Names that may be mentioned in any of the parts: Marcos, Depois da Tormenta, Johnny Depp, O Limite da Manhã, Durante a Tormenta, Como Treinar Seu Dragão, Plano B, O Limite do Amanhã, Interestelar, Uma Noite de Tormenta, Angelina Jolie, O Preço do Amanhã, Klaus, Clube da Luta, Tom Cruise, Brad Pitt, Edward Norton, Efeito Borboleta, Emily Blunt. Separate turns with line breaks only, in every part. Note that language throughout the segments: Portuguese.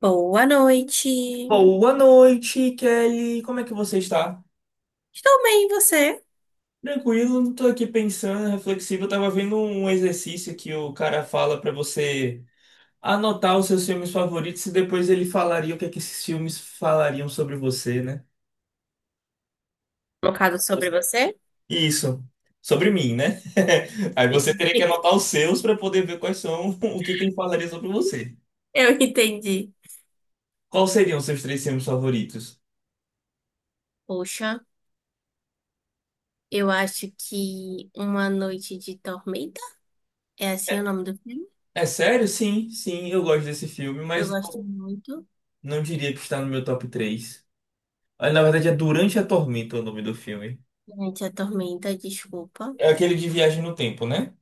Boa noite.
Boa noite, Kelly. Como é que você está?
Estou bem, e você?
Tranquilo, não tô aqui pensando, reflexivo. Eu tava vendo um exercício que o cara fala para você anotar os seus filmes favoritos e depois ele falaria o que é que esses filmes falariam sobre você, né?
Colocado sobre você?
Isso. Sobre mim, né? Aí você
Sim.
teria que anotar os seus para poder ver quais são, o que que ele falaria sobre você.
Eu entendi.
Quais seriam os seus três filmes favoritos?
Poxa, eu acho que Uma Noite de Tormenta é assim o
É
nome do filme.
é sério? Sim, sim, eu gosto desse filme,
Eu
mas
gosto
não,
muito.
não diria que está no meu top 3. Ah, na verdade, é Durante a Tormenta o nome do filme.
Gente, a Tormenta, desculpa.
É aquele de viagem no tempo, né?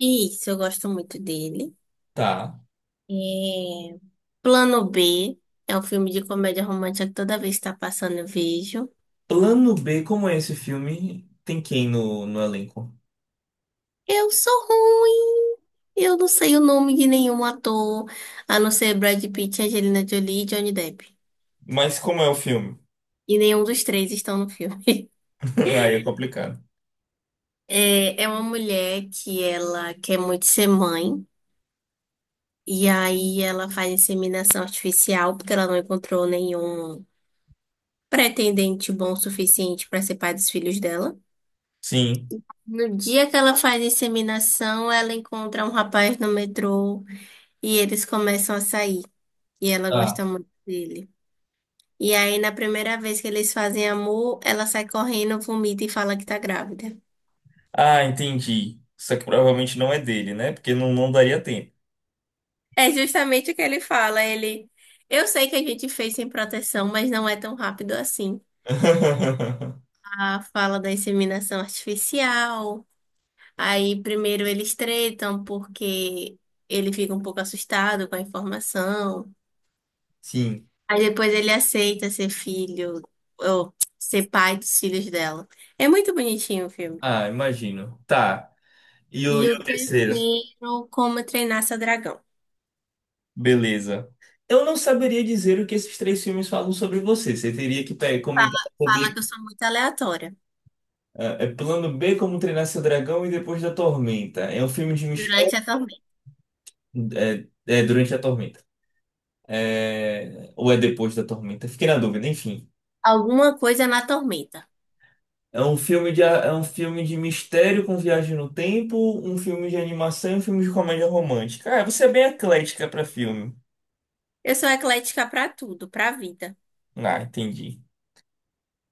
Isso, eu gosto muito dele.
Tá.
É... Plano B é um filme de comédia romântica que toda vez que está passando eu vejo.
Plano B, como é esse filme? Tem quem no elenco?
Eu sou ruim. Eu não sei o nome de nenhum ator, a não ser Brad Pitt, Angelina Jolie e Johnny Depp.
Mas como é o filme?
E nenhum dos três estão no filme.
Aí é complicado.
É uma mulher que ela quer muito ser mãe. E aí ela faz inseminação artificial porque ela não encontrou nenhum pretendente bom o suficiente para ser pai dos filhos dela.
Sim.
No dia que ela faz a inseminação, ela encontra um rapaz no metrô e eles começam a sair. E ela
Tá.
gosta muito dele. E aí, na primeira vez que eles fazem amor, ela sai correndo, vomita e fala que tá grávida.
Ah, entendi. Só que provavelmente não é dele, né? Porque não daria tempo.
É justamente o que ele fala. Ele, eu sei que a gente fez sem proteção, mas não é tão rápido assim. A fala da inseminação artificial. Aí, primeiro eles tretam porque ele fica um pouco assustado com a informação.
Sim.
Aí depois ele aceita ser filho, ou ser pai dos filhos dela. É muito bonitinho o filme.
Ah, imagino. Tá. E o, e
E o
o terceiro?
terceiro, Como Treinar Seu Dragão.
Beleza. Eu não saberia dizer o que esses três filmes falam sobre você. Você teria que comentar.
Fala que eu sou muito aleatória
É Plano B, Como Treinar Seu Dragão e Depois da Tormenta. É um filme de mistério
durante a tormenta.
é, é durante a tormenta. É, ou é depois da tormenta? Fiquei na dúvida, enfim.
Alguma coisa na tormenta.
É um filme de, é um filme de mistério com viagem no tempo, um filme de animação e um filme de comédia romântica. Ah, você é bem eclética pra filme.
Eu sou eclética pra tudo, pra vida.
Ah, entendi.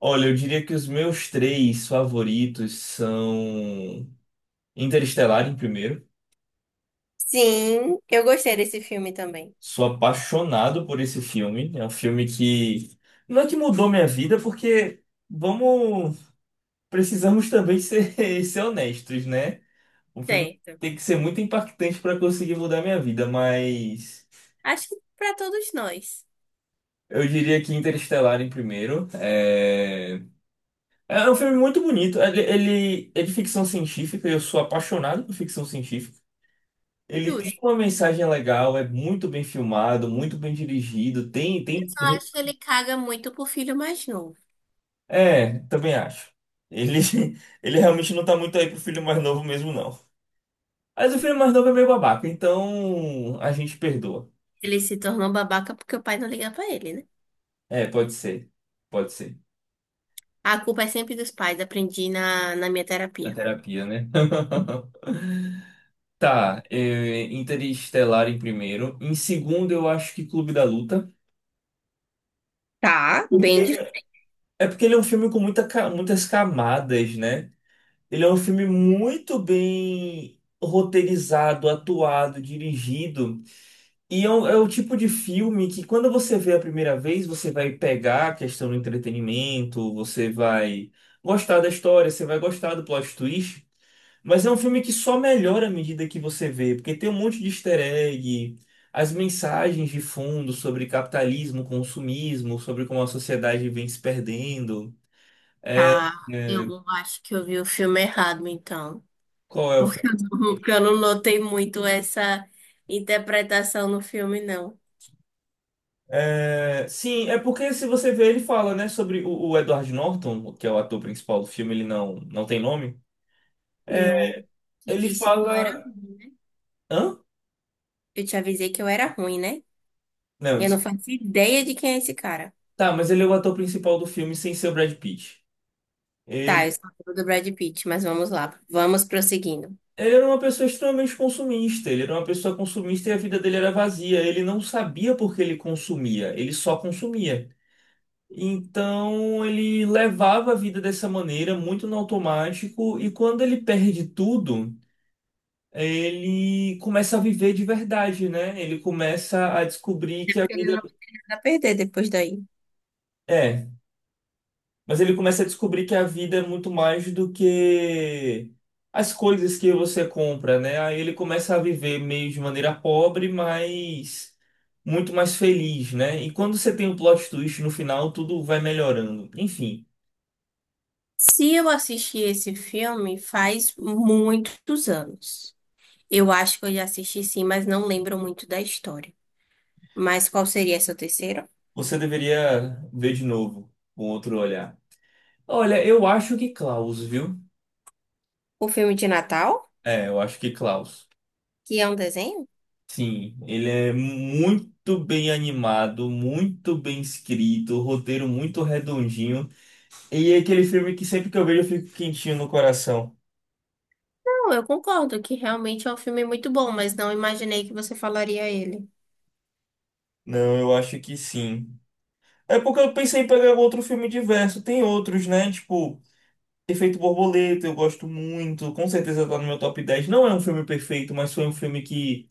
Olha, eu diria que os meus três favoritos são Interestelar em primeiro.
Sim, eu gostei desse filme também.
Sou apaixonado por esse filme. É um filme que não é que mudou minha vida, porque vamos, precisamos também ser, ser honestos, né? O filme
Certo.
tem que ser muito impactante para conseguir mudar minha vida, mas
Acho que pra todos nós.
eu diria que Interestelar em primeiro. É, é um filme muito bonito. Ele é de ficção científica, eu sou apaixonado por ficção científica. Ele tem
Justo.
uma mensagem legal, é muito bem filmado, muito bem dirigido, tem,
Eu
tem.
só acho que ele caga muito pro filho mais novo.
É, também acho. Ele, ele realmente não tá muito aí pro filho mais novo mesmo, não. Mas o filho mais novo é meio babaca, então a gente perdoa.
Ele se tornou babaca porque o pai não liga pra ele, né?
É, pode ser. Pode ser.
A culpa é sempre dos pais, aprendi na minha
Da
terapia.
terapia, né? Tá, é, Interestelar em primeiro. Em segundo, eu acho que Clube da Luta.
Tá, bem
Porque-
difícil.
É porque ele é um filme com muita, muitas camadas, né? Ele é um filme muito bem roteirizado, atuado, dirigido. E é o tipo de filme que quando você vê a primeira vez, você vai pegar a questão do entretenimento, você vai gostar da história, você vai gostar do plot twist, mas é um filme que só melhora à medida que você vê, porque tem um monte de easter egg, as mensagens de fundo sobre capitalismo, consumismo, sobre como a sociedade vem se perdendo.
Tá, eu acho que eu vi o filme errado, então.
Qual é o
Porque
filme?
eu não, porque eu não notei muito essa interpretação no filme, não.
É, sim, é porque se você vê, ele fala, né, sobre o Edward Norton, que é o ator principal do filme, ele não tem nome.
Eu te
Ele
disse que eu era
fala.
ruim, né?
Hã?
Eu te avisei que eu era ruim, né?
Não,
E eu não
desculpa.
faço ideia de quem é esse cara.
Tá, mas ele é o ator principal do filme sem ser o Brad Pitt.
Tá,
Ele,
eu sou amigo do Brad Pitt, mas vamos lá. Vamos prosseguindo.
ele era uma pessoa extremamente consumista. Ele era uma pessoa consumista e a vida dele era vazia. Ele não sabia por que ele consumia, ele só consumia. Então ele levava a vida dessa maneira, muito no automático, e quando ele perde tudo, ele começa a viver de verdade, né? Ele começa a descobrir que a vida.
Ele não vai perder depois daí.
É. Mas ele começa a descobrir que a vida é muito mais do que as coisas que você compra, né? Aí ele começa a viver meio de maneira pobre, mas muito mais feliz, né? E quando você tem um plot twist no final, tudo vai melhorando. Enfim,
Se eu assisti esse filme faz muitos anos. Eu acho que eu já assisti sim, mas não lembro muito da história. Mas qual seria seu terceiro?
você deveria ver de novo, com outro olhar. Olha, eu acho que Klaus, viu?
O filme de Natal,
É, eu acho que Klaus.
que é um desenho?
Sim, ele é muito bem animado, muito bem escrito, roteiro muito redondinho. E é aquele filme que sempre que eu vejo eu fico quentinho no coração.
Não, eu concordo que realmente é um filme muito bom, mas não imaginei que você falaria ele.
Não, eu acho que sim. É porque eu pensei em pegar um outro filme diverso. Tem outros, né? Tipo, Efeito Borboleta, eu gosto muito. Com certeza tá no meu top dez. Não é um filme perfeito, mas foi um filme que.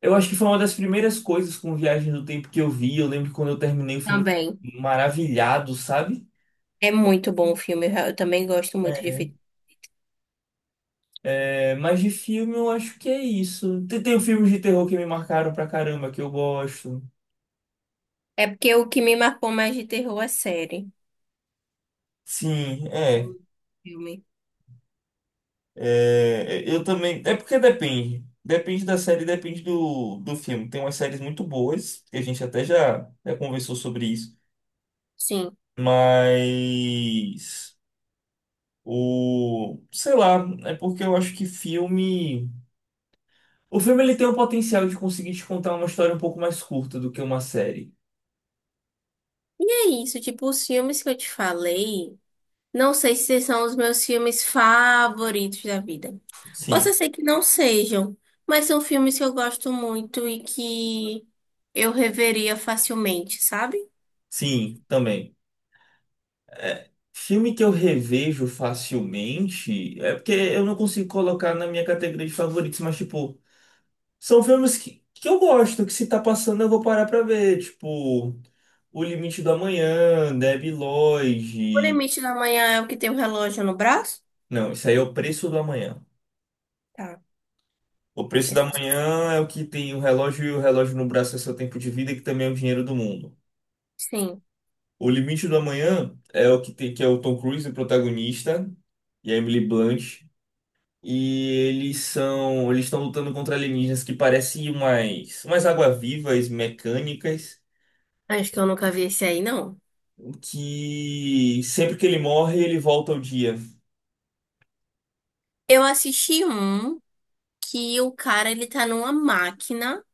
Eu acho que foi uma das primeiras coisas com Viagem do Tempo que eu vi. Eu lembro que quando eu terminei o filme eu
Também.
fiquei maravilhado, sabe?
É muito bom o filme, eu também gosto muito de filme.
É, mas de filme eu acho que é isso. Tem filmes de terror que me marcaram pra caramba, que eu gosto.
É porque o que me marcou mais de terror é série.
Sim, é.
Hum, Filme.
É, é, eu também. É porque depende. Depende da série, depende do filme. Tem umas séries muito boas, que a gente até já, já conversou sobre isso.
Sim.
Mas. O. Sei lá, é porque eu acho que filme. O filme ele tem o potencial de conseguir te contar uma história um pouco mais curta do que uma série.
E é isso, tipo, os filmes que eu te falei, não sei se são os meus filmes favoritos da vida.
Sim,
Posso ser que não sejam, mas são filmes que eu gosto muito e que eu reveria facilmente, sabe?
sim, também. É, filme que eu revejo facilmente. É porque eu não consigo colocar na minha categoria de favoritos, mas tipo. São filmes que eu gosto, que se tá passando eu vou parar pra ver. Tipo, O Limite do Amanhã, Debi
O
Lloyd.
Limite da Manhã é o que tem o relógio no braço?
Não, isso aí é O Preço do Amanhã.
Tá.
O Preço do
Esse-
Amanhã é o que tem o relógio e o relógio no braço é seu tempo de vida, que também é o dinheiro do mundo.
Sim.
O Limite do Amanhã é o que tem, que é o Tom Cruise, o protagonista, e a Emily Blunt. E eles são, eles estão lutando contra alienígenas que parecem umas água-vivas mecânicas.
Acho que eu nunca vi esse aí, não.
Que sempre que ele morre, ele volta ao dia.
Eu assisti um que o cara ele tá numa máquina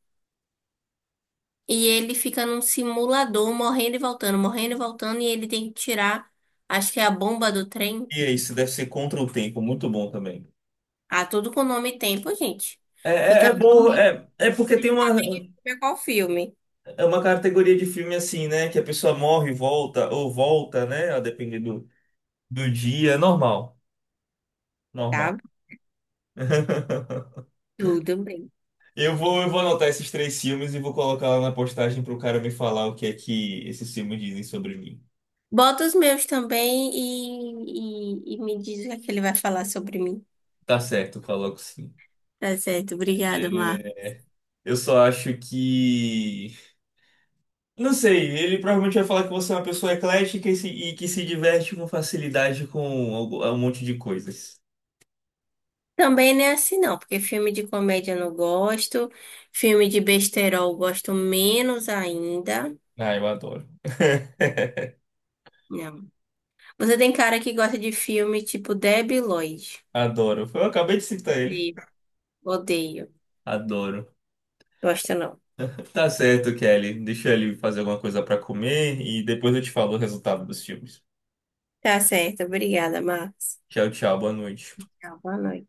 e ele fica num simulador morrendo e voltando, e ele tem que tirar, acho que é a bomba do trem.
E é isso, deve ser contra o tempo, muito bom também.
Ah, tudo com nome e tempo, gente.
É, é,
Fica
é bom,
realmente
é porque tem
difícil
uma,
ver qual filme,
é uma categoria de filme assim, né? Que a pessoa morre e volta, ou volta, né? A depender do dia, é normal, normal.
tá? Tudo bem.
Eu vou anotar esses três filmes e vou colocar lá na postagem pro cara me falar o que é que esses filmes dizem sobre mim.
Bota os meus também e me diz o que é que ele vai falar sobre mim.
Tá certo, coloco sim.
Tá certo, obrigada, Marcos.
É, eu só acho que não sei, ele provavelmente vai falar que você é uma pessoa eclética e, e que se diverte com facilidade com um monte de coisas.
Também não é assim, não, porque filme de comédia eu não gosto, filme de besterol eu gosto menos ainda.
Ah, eu adoro.
Não. Você tem cara que gosta de filme tipo Debi Lloyd.
Adoro. Eu acabei de citar ele.
Sim. Odeio.
Adoro.
Gosto não.
Tá certo, Kelly. Deixa ele fazer alguma coisa pra comer e depois eu te falo o resultado dos filmes.
Tá certo, obrigada, Marcos.
Tchau, tchau. Boa noite.
Tchau, boa noite.